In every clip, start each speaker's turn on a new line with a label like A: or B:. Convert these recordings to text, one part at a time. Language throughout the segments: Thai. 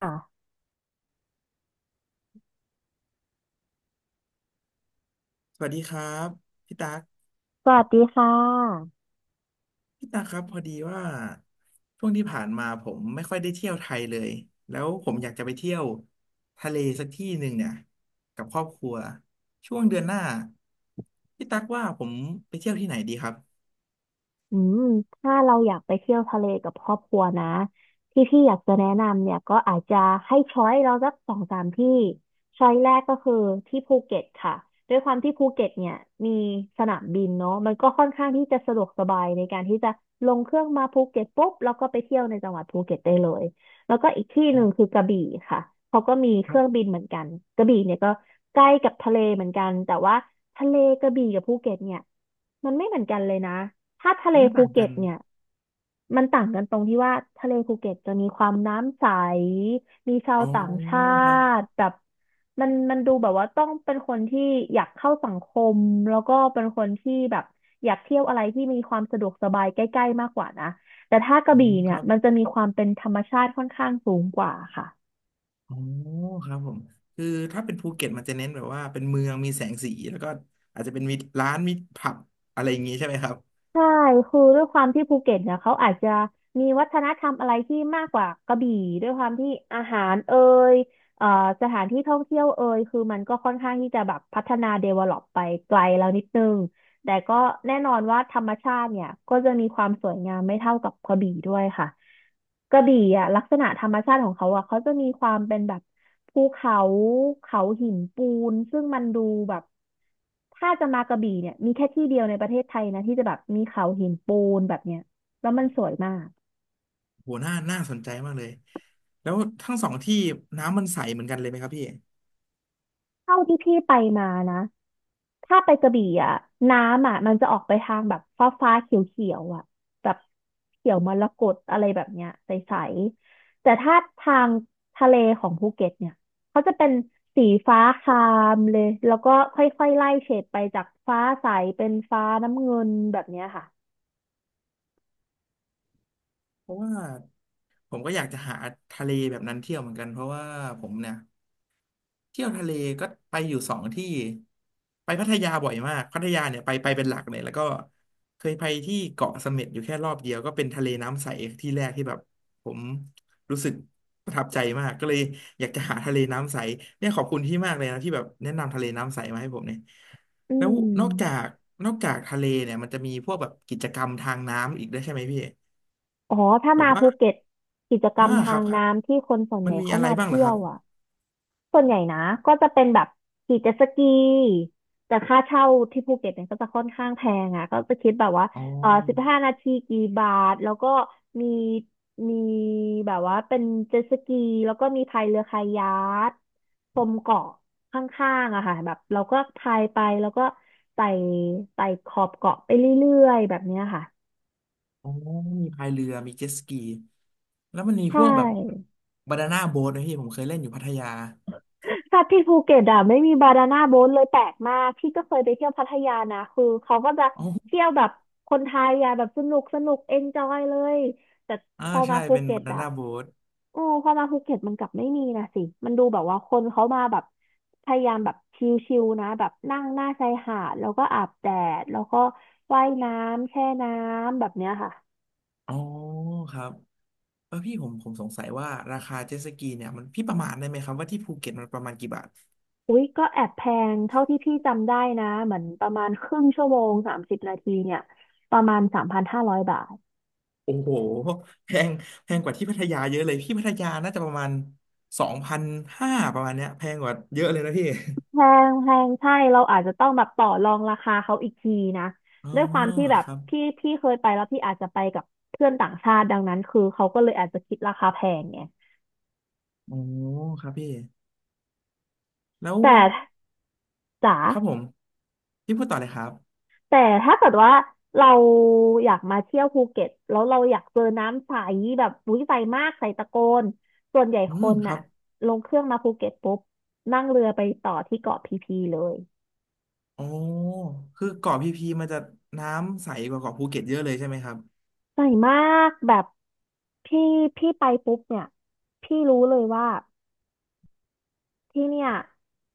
A: ค่ะ
B: สวัสดีครับพี่ตั๊ก
A: สวัสดีค่ะ
B: พี่ตั๊กครับพอดีว่าช่วงที่ผ่านมาผมไม่ค่อยได้เที่ยวไทยเลยแล้วผมอยากจะไปเที่ยวทะเลสักที่หนึ่งเนี่ยกับครอบครัวช่วงเดือนหน้าพี่ตั๊กว่าผมไปเที่ยวที่ไหนดีครับ
A: อืมถ้าเราอยากไปเที่ยวทะเลกับครอบครัวนะที่พี่อยากจะแนะนำเนี่ยก็อาจจะให้ช้อยเราสักสองสามที่ช้อยแรกก็คือที่ภูเก็ตค่ะด้วยความที่ภูเก็ตเนี่ยมีสนามบินเนาะมันก็ค่อนข้างที่จะสะดวกสบายในการที่จะลงเครื่องมาภูเก็ตปุ๊บแล้วก็ไปเที่ยวในจังหวัดภูเก็ตได้เลยแล้วก็อีกที่หนึ่งคือกระบี่ค่ะเขาก็มีเค
B: ครั
A: รื่องบิ
B: บ
A: นเหมือนกันกระบี่เนี่ยก็ใกล้กับทะเลเหมือนกันแต่ว่าทะเลกระบี่กับภูเก็ตเนี่ยมันไม่เหมือนกันเลยนะ ถ้าทะ
B: เพ
A: เล
B: ราะมัน
A: ภู
B: ต่าง
A: เก็
B: กั
A: ต
B: น
A: เนี่ยมันต่างกันตรงที่ว่าทะเลภูเก็ตจะมีความน้ำใสมีชาว
B: อ๋อ
A: ต่างชา
B: ครับ
A: ติแบบมันดูแบบว่าต้องเป็นคนที่อยากเข้าสังคมแล้วก็เป็นคนที่แบบอยากเที่ยวอะไรที่มีความสะดวกสบายใกล้ๆมากกว่านะแต่ถ้ากระ
B: อื
A: บี่
B: มค
A: เนี่ย
B: รับ
A: มันจะมีความเป็นธรรมชาติค่อนข้างสูงกว่าค่ะ
B: อ๋อครับผมคือถ้าเป็นภูเก็ตมันจะเน้นแบบว่าเป็นเมืองมีแสงสีแล้วก็อาจจะเป็นมีร้านมีผับอะไรอย่างงี้ใช่ไหมครับ
A: ใช่ คือด้วยความที่ภูเก็ตเนี่ยเขาอาจจะมีวัฒนธรรมอะไรที่มากกว่ากระบี่ด้วยความที่อาหารเอ่ยเอ่อสถานที่ท่องเที่ยวเอ่ยคือมันก็ค่อนข้างที่จะแบบพัฒนาเดเวล็อปไปไกลแล้วนิดนึง แต่ก็แน่นอนว่าธรรมชาติเนี่ยก็จะมีความสวยงามไม่เท่ากับกระบี่ด้วยค่ะกระบี่อ่ะลักษณะธรรมชาติของเขาอ่ะเขาจะมีความเป็นแบบภูเขาเขาหินปูนซึ่งมันดูแบบถ้าจะมากระบี่เนี่ยมีแค่ที่เดียวในประเทศไทยนะที่จะแบบมีเขาหินปูนแบบเนี้ยแล้วมันสวยมาก
B: โหน่าน่าสนใจมากเลย แล้วทั้งสองที่น้ำมันใสเหมือนกันเลยไหมครับพี่
A: เท่าที่พี่ไปมานะ ถ้าไปกระบี่อ่ะน้ำอ่ะมันจะออกไปทางแบบฟ้าฟ้าเขียวเขียวอ่ะแบบเขียวมรกตอะไรแบบเนี้ยใสๆ แต่ถ้าทางทะเลของภูเก็ตเนี่ยเขาจะเป็นสีฟ้าครามเลยแล้วก็ค่อยๆไล่เฉดไปจากฟ้าใสเป็นฟ้าน้ำเงินแบบเนี้ยค่ะ
B: เพราะว่าผมก็อยากจะหาทะเลแบบนั้นเที่ยวเหมือนกันเพราะว่าผมเนี่ย เที่ยวทะเลก็ไปอยู่สองที่ไปพัทยาบ่อยมากพัทยาเนี่ยไปเป็นหลักเลยแล้วก็เคยไปที่เกาะเสม็ดอยู่แค่รอบเดียวก็เป็นทะเลน้ำใสที่แรกที่แบบผมรู้สึกประทับใจมากก็เลยอยากจะหาทะเลน้ำใสเนี่ยขอบคุณที่มากเลยนะที่แบบแนะนำทะเลน้ำใสมาให้ผมเนี่ย
A: อื
B: แล้ว
A: ม
B: นอกจากนอกจากทะเลเนี่ยมันจะมีพวกแบบกิจกรรมทางน้ำอีกได้วยใช่ไหมพี่
A: อ๋อถ้า
B: แบบ
A: มา
B: ว่า
A: ภูเก็ตกิจกร
B: อ่า
A: รม
B: ค
A: ทา
B: รับ
A: ง
B: ครับ
A: น้ำที่คนส่วน
B: มั
A: ให
B: น
A: ญ่
B: มี
A: เข้า
B: อะไร
A: มา
B: บ้างเหร
A: เที่
B: อค
A: ย
B: รั
A: ว
B: บ
A: อ่ะ ส่วนใหญ่นะก็จะเป็นแบบขี่เจ็ตสกีแต่ค่าเช่าที่ภูเก็ตเนี่ยก็จะค่อนข้างแพงอ่ะก็จะคิดแบบว่า
B: อ๋อ
A: เออ15 นาทีกี่บาทแล้วก็มีมีแบบว่าเป็นเจ็ตสกีแล้วก็มีพายเรือคายัคชมเกาะข้างๆอะค่ะแบบเราก็พายไปแล้วก็ไต่ไต่ขอบเกาะไปเรื่อยๆแบบเนี้ยค่ะ
B: อ๋อมีพายเรือ มีเจ็ตสกี แล้วมันมี
A: ใช
B: พวกแบบ
A: ่
B: บานาน่าโบ๊ทนะพี่ผมเคยเล่นอยู่พัทยา
A: ถ้าที่ภูเก็ตอ่ะไม่มีบานาน่าโบ๊ทเลยแปลกมากพี่ก็เคยไปเที่ยวพัทยานะคือเขาก็จะ
B: อ๋อ
A: เที่ยวแบบคนไทยอ่ะแบบสนุกสนุกเอนจอยเลยแต่
B: อ่า
A: พอมา
B: ใช่
A: ภู
B: เป็น
A: เก็ต
B: บานา
A: อ่ะ
B: น่าโบ๊ท
A: โอ้พอมาภูเก็ตมันกลับไม่มีนะสิมันดูแบบว่าคนเขามาแบบพยายามแบบชิลๆนะแบบนั่งหน้าชายหาดแล้วก็อาบแดดแล้วก็ว่ายน้ำแช่น้ำแบบเนี้ยค่ะ
B: อ๋อครับเออพี่ผมสงสัยว่าราคาเจ็ตสกีเนี่ยมันพี่ประมาณได้ไหมครับว่าที่ภูเก็ตมันประมาณกี่บาท
A: อุ๊ยก็แอบแพงเท่าที่พี่จำได้นะเหมือนประมาณครึ่งชั่วโมง30 นาทีเนี่ยประมาณ3,500 บาท
B: โอ้โหแพงแพงกว่าที่พัทยาเยอะเลยพี่พัทยาน่าจะประมาณ2,500ประมาณเนี้ยแพงกว่าเยอะเลยนะพี่
A: แพงแพงใช่เราอาจจะต้องแบบต่อรองราคาเขาอีกทีนะ
B: อ๋อ
A: ด้วยความที่แบบ
B: ครับ
A: พี่เคยไปแล้วพี่อาจจะไปกับเพื่อนต่างชาติดังนั้นคือเขาก็เลยอาจจะคิดราคาแพงไง
B: โอ้ครับพี่แล้ว
A: แต่จ๋า
B: ครับผมพี่พูดต่อเลยครับ
A: แต่ถ้าเกิดว่าเราอยากมาเที่ยวภูเก็ตแล้วเราอยากเจอน้ำใสแบบอุ้ยใสมากใสตะโกนส่วนใหญ่
B: อื
A: ค
B: ม
A: น
B: ครั
A: น่ะ
B: บ
A: ลงเครื่องมาภูเก็ตปุ๊บนั่งเรือไปต่อที่เกาะพีพีเลย
B: โอ้คือเกาะพีพีมันจะน้ำใสกว่าเกาะภูเก็ตเยอะเลยใช่ไหมครับ
A: ใส่มากแบบพี่พี่ไปปุ๊บเนี่ยพี่รู้เลยว่า ที่เนี่ย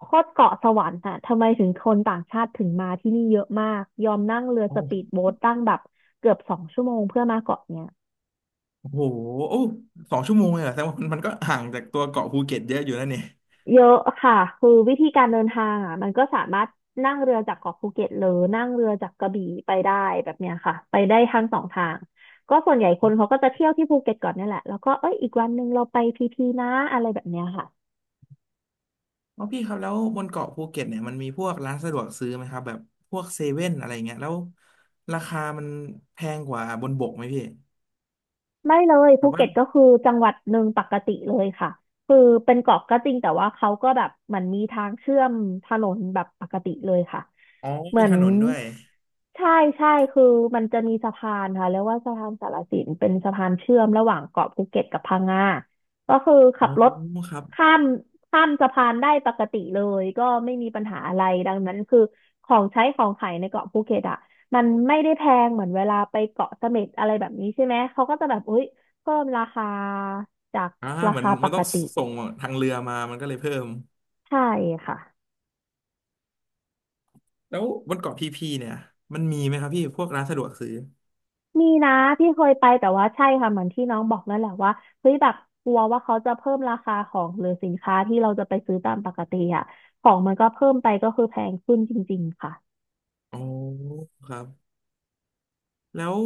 A: โคตรเกาะสวรรค์อะทำไมถึงคนต่างชาติถึงมาที่นี่เยอะมากยอมนั่งเรือ
B: โอ้
A: สปีดโบ๊ทตั้งแบบเกือบ2 ชั่วโมงเพื่อมาเกาะเนี่ย
B: โหโอ้2 ชั่วโมงเลยเหรอแสดงว่ามันก็ห่างจากตัวเกาะภูเก็ตเยอะอยู่นะเนี่ย
A: เยอะค่ะคือวิธีการเดินทางอ่ะมันก็สามารถนั่งเรือจากเกาะภูเก็ตหรือนั่งเรือจากกระบี่ไปได้แบบเนี้ยค่ะไปได้ทั้งสองทางก็ส่วนใหญ่คนเขาก็จะเที่ยวที่ภูเก็ตก่อนเนี่ยแหละแล้วก็เอ้ยอีกวันหนึ่งเราไปพีพีนะอะไรแบบเนี้ยค่ะ
B: อ๋อพี่ครับแล้วบนเกาะภูเก็ตเนี่ยมันมีพวกร้านสะดวกซื้อไหมครับแบบพวกเซเว่นอะไรเงี้ยแล้วราคามันแพงกว่าบนบกไหมพี่
A: ไม่เลย
B: แบ
A: ภู
B: บว่า
A: เก็ตก็คือจังหวัดหนึ่งปกติเลยค่ะคือเป็นเกาะก็จริงแต่ว่าเขาก็แบบเหมือนมีทางเชื่อมถนนแบบปกติเลยค่ะ
B: อ๋อ
A: เหมื
B: มี
A: อน
B: ถนนด้วย
A: ใช่ใช่คือมันจะมีสะพานค่ะเรียกว่าสะพานสารสินเป็นสะพานเชื่อมระหว่างเกาะภูเก็ตกับพังงาก็คือ
B: อ๋
A: ขั
B: อ
A: บรถ
B: ครับ
A: ข้ามข้ามสะพานได้ปกติเลยก็ไม่มีปัญหาอะไรดังนั้นคือของใช้ของขายในเกาะภูเก็ตอะ มันไม่ได้แพงเหมือนเวลาไปเกาะเสม็ดอะไรแบบนี้ใช่ไหมเขาก็จะแบบออ้ยเพิ่มราคาจาก
B: อ่า
A: รา
B: เหมือน
A: คาป
B: มัน
A: ก
B: ต้อง
A: ติ
B: ส่งทางเรือมามันก็เลยเพิ่ม
A: ใช่ค่ะ
B: แล้วบนเกาะพีพีเนี่ยมันมีไหมครับพี่พวกร้านสะดวกซื้อ
A: มีนะที่เคยไปแต่ว่าใช่ค่ะเหมือนที่น้องบอกนั่นแหละว่าเฮ้ยแบบกลัวว่าเขาจะเพิ่มราคาของหรือสินค้าที่เราจะไปซื้อตามปกติอ่ะของมันก็เพิ่มไปก็คือแพงขึ้นจริงๆค่ะ
B: อ๋อครับแล้ว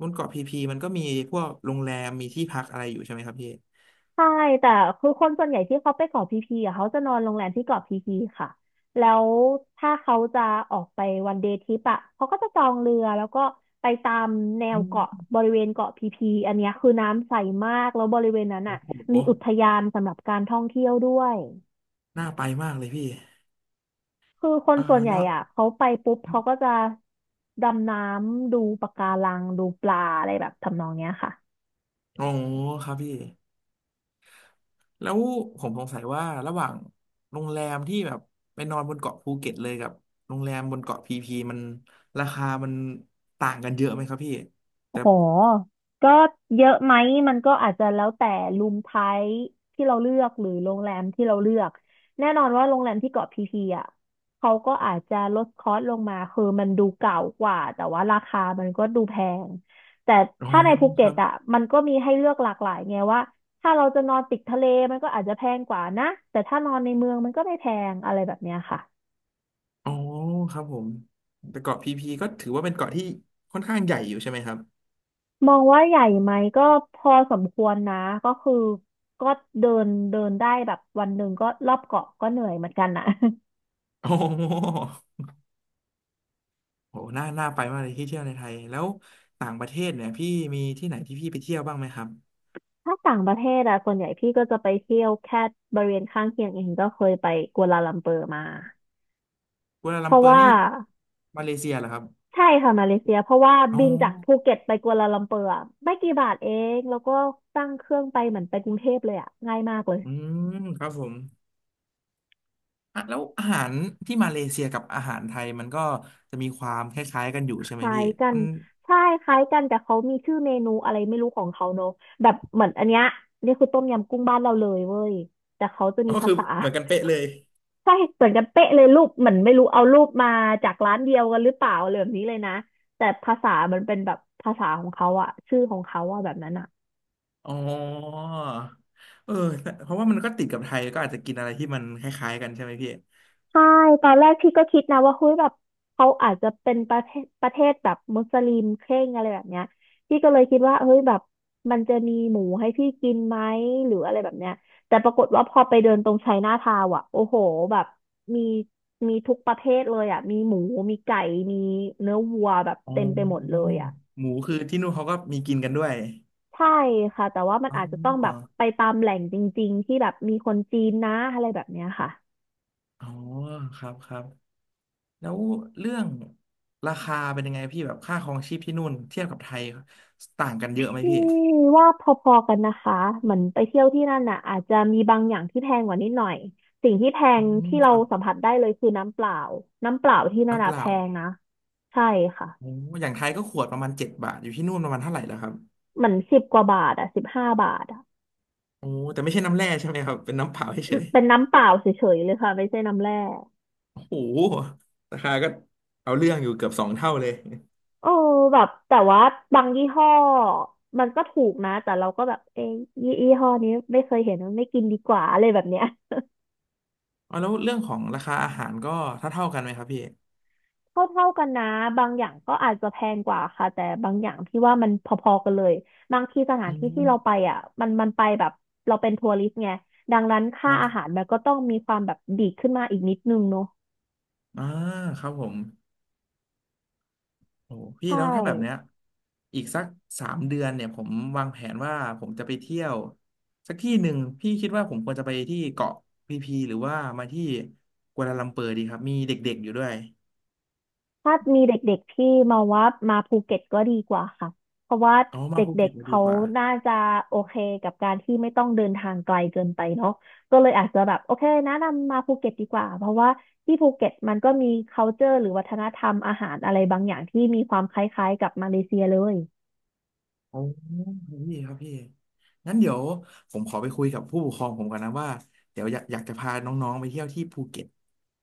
B: บนเกาะพีพีมันก็มีพวกโรงแรมมีที่พักอะไรอยู่ใช่ไหมครับพี่
A: ใช่แต่คือคนส่วนใหญ่ที่เขาไปเกาะพีพีอะเขาจะนอนโรงแรมที่เกาะพีพีค่ะแล้วถ้าเขาจะออกไปวันเดย์ทริปอะเขาก็จะจองเรือแล้วก็ไปตามแนวเกาะ
B: อืม
A: บริเวณเกาะพีพีอันเนี้ยคือน้ำใสมากแล้วบริเวณนั้น
B: โอ้
A: อะ
B: โห
A: มีอุทยานสำหรับการท่องเที่ยวด้วย
B: น่าไปมากเลยพี่
A: คือคน
B: อ่า
A: ส่วนใหญ่
B: แล้ว
A: อะเขาไปปุ๊บ
B: ครั
A: เขาก็
B: บ
A: จะดำน้ำดูปะการังดูปลาอะไรแบบทำนองเนี้ยค่ะ
B: อ๋อครับพี่แล้วผมสงสัยว่าระหว่างโรงแรมที่แบบไปนอนบนเกาะภูเก็ตเลยกับโรงแรมบนเกาะพีพีมันราคามันต่างกันเยอะไหมครับพี่แต่
A: โหก็เยอะไหมมันก็อาจจะแล้วแต่รูมไทป์ที่เราเลือกหรือโรงแรมที่เราเลือกแน่นอนว่าโรงแรมที่เกาะพีพีอ่ะเขาก็อาจจะลดคอสลงมาคือมันดูเก่ากว่าแต่ว่าราคามันก็ดูแพงแต่
B: อ๋อ
A: ถ้าในภู
B: ค
A: เก็ต
B: รับ
A: อ่ะมันก็มีให้เลือกหลากหลายไงว่าถ้าเราจะนอนติดทะเลมันก็อาจจะแพงกว่านะแต่ถ้านอนในเมืองมันก็ไม่แพงอะไรแบบเนี้ยค่ะ
B: อ๋อครับผมแต่เกาะพีพีก็ถือว่าเป็นเกาะที่ค่อนข้างใหญ่อยู่ใช่ไหมครับ
A: มองว่าใหญ่ไหมก็พอสมควรนะก็คือก็เดินเดินได้แบบวันหนึ่งก็รอบเกาะก็เหนื่อยเหมือนกันนะ
B: อ๋อ โหน่าน่าไปมากเลยที่เที่ยวในไทยแล้วต่างประเทศเนี่ยพี่มีที่ไหนที่พี่ไปเที่ยวบ้างไหมครับ
A: ถ้าต่างประเทศอะส่วนใหญ่พี่ก็จะไปเที่ยวแค่บริเวณข้างเคียงเองก็เคยไปกัวลาลัมเปอร์มา
B: กัวลา
A: เพ
B: ลัม
A: ราะ
B: เปอร์
A: ว่า
B: นี่มาเลเซียเหรอครับ
A: ใช่ค่ะมาเลเซียเพราะว่า
B: อ๋อ
A: บินจากภูเก็ตไปกัวลาลัมเปอร์อะไม่กี่บาทเองแล้วก็ตั้งเครื่องไปเหมือนไปกรุงเทพเลยอะง่ายมากเลย
B: อืมครับผมอ่ะแล้วอาหารที่มาเลเซียกับอาหารไทยมันก็จะมีความคล้ายๆกันอยู่
A: ค
B: ใช่ไหม
A: ล้า
B: พี่
A: ยกัน
B: มัน
A: ใช่คล้ายกันแต่เขามีชื่อเมนูอะไรไม่รู้ของเขาเนอะแบบเหมือนอันเนี้ยนี่คือต้มยำกุ้งบ้านเราเลยเว้ยแต่เขาจะมี
B: ก็
A: ภา
B: คือ
A: ษา
B: เหมือนกันเป๊ะเลย
A: ใช่เหมือนกันเป๊ะเลยรูปเหมือนไม่รู้เอารูปมาจากร้านเดียวกันหรือเปล่าอะไรแบบนี้เลยนะแต่ภาษามันเป็นแบบภาษาของเขาอะชื่อของเขาอะแบบนั้นอะ
B: อ๋อเออตเพราะว่ามันก็ติดกับไทยก็อาจจะกินอะไรที่มันคล้ายๆกันใช่ไหมพี่
A: ใช่ตอนแรกพี่ก็คิดนะว่าเฮ้ยแบบเขาอาจจะเป็นประเทศแบบมุสลิมเคร่งอะไรแบบเนี้ยพี่ก็เลยคิดว่าเฮ้ยแบบมันจะมีหมูให้พี่กินไหมหรืออะไรแบบเนี้ยแต่ปรากฏว่าพอไปเดินตรงไชน่าทาวน์อ่ะโอ้โหแบบมีมีทุกประเภทเลยอ่ะมีหมูมีไก่มีเนื้อวัวแบบ
B: อ๋
A: เต็มไปหมดเล
B: อ
A: ยอ่ะ
B: หมูคือที่นู่นเขาก็มีกินกันด้วย
A: ใช่ค่ะแต่ว่ามัน
B: อ๋อ
A: อาจจะต้องแบบไปตามแหล่งจริงๆที่แบบมีคนจีนนะอะไรแบบเนี้ยค่ะ
B: อ๋อครับครับแล้วเรื่องราคาเป็นยังไงพี่แบบค่าครองชีพที่นู่นเทียบกับไทยต่างกัน
A: พ
B: เยอะไหม
A: ี่
B: พี่
A: ว่าพอๆกันนะคะเหมือนไปเที่ยวที่นั่นน่ะอาจจะมีบางอย่างที่แพงกว่านิดหน่อยสิ่งที่แพ
B: อื
A: ง
B: ม
A: ที่
B: ค
A: เรา
B: รับ
A: สัมผัสได้เลยคือน้ำเปล่าน้ำเปล่าที่นั่น
B: น้ำเป
A: น่ะแพ
B: ล่า
A: งนะใช่ค่ะ
B: โอ้อย่างไทยก็ขวดประมาณ7 บาทอยู่ที่นู่นประมาณเท่าไหร่แล้วครับ
A: เหมือน10 กว่าบาทอะ15 บาทอะ
B: โอ้แต่ไม่ใช่น้ำแร่ใช่ไหมครับเป็นน้ำเปล่า
A: อื
B: เฉ
A: ม
B: ย
A: เป็นน้ำเปล่าเฉยๆเลยค่ะไม่ใช่น้ำแร่
B: ๆโอ้โหราคาก็เอาเรื่องอยู่เกือบ2 เท่าเลย
A: เออแบบแต่ว่าบางยี่ห้อมันก็ถูกนะแต่เราก็แบบเอ้ยยี่ห้อนี้ไม่เคยเห็นไม่กินดีกว่าอะไรแบบเนี้ย
B: อ๋อแล้วเรื่องของราคาอาหารก็เท่าเท่ากันไหมครับพี่
A: เท่าเท่ากันนะบางอย่างก็อาจจะแพงกว่าค่ะแต่บางอย่างที่ว่ามันพอๆกันเลยบางทีสถา
B: อื
A: นที่ที่เราไป
B: ม
A: อ่ะมันไปแบบเราเป็นทัวริสต์ไงดังนั้น
B: ค
A: ค่า
B: รั
A: อาหาร
B: บ
A: มันก็ต้องมีความแบบดีดขึ้นมาอีกนิดนึงเนาะ
B: อ่าครับผม โอ้โหพี่
A: ใช่
B: แล้วถ้าแบบเนี้ยอีกสัก3 เดือนเนี่ยผมวางแผนว่าผมจะไปเที่ยวสักที่หนึ่งพี่คิดว่าผมควรจะไปที่เกาะพีพีหรือว่ามาที่กัวลาลัมเปอร์ดีครับมีเด็กๆอยู่ด้วย
A: ถ้ามีเด็กๆที่มาว่ามาภูเก็ตก็ดีกว่าค่ะเพราะว่า
B: เอามา
A: เด
B: ภู
A: ็
B: เก็
A: ก
B: ต
A: ๆ
B: จะดี
A: เขา
B: กว่า
A: น่าจะโอเคกับการที่ไม่ต้องเดินทางไกลเกินไปเนาะก็เลยอาจจะแบบโอเคแนะนำมาภูเก็ตดีกว่าเพราะว่าที่ภูเก็ตมันก็มี culture หรือวัฒนธรรมอาหารอะไรบางอย่างที่มีความคล้ายๆกับมาเลเซียเลย
B: โอ้พี่ครับพี่งั้นเดี๋ยวผมขอไปคุยกับผู้ปกครองผมก่อนนะว่าเดี๋ยวอยากจะพาน้องๆไปเที่ยวที่ภูเก็ต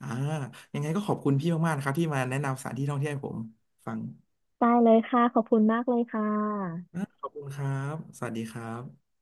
B: อ่ายังไงก็ขอบคุณพี่มากๆนะครับที่มาแนะนำสถานที่ท่องเที่ยวให้ผมฟัง
A: ได้เลยค่ะขอบคุณมากเลยค่ะ
B: ขอบคุณครับสวัสดีครับ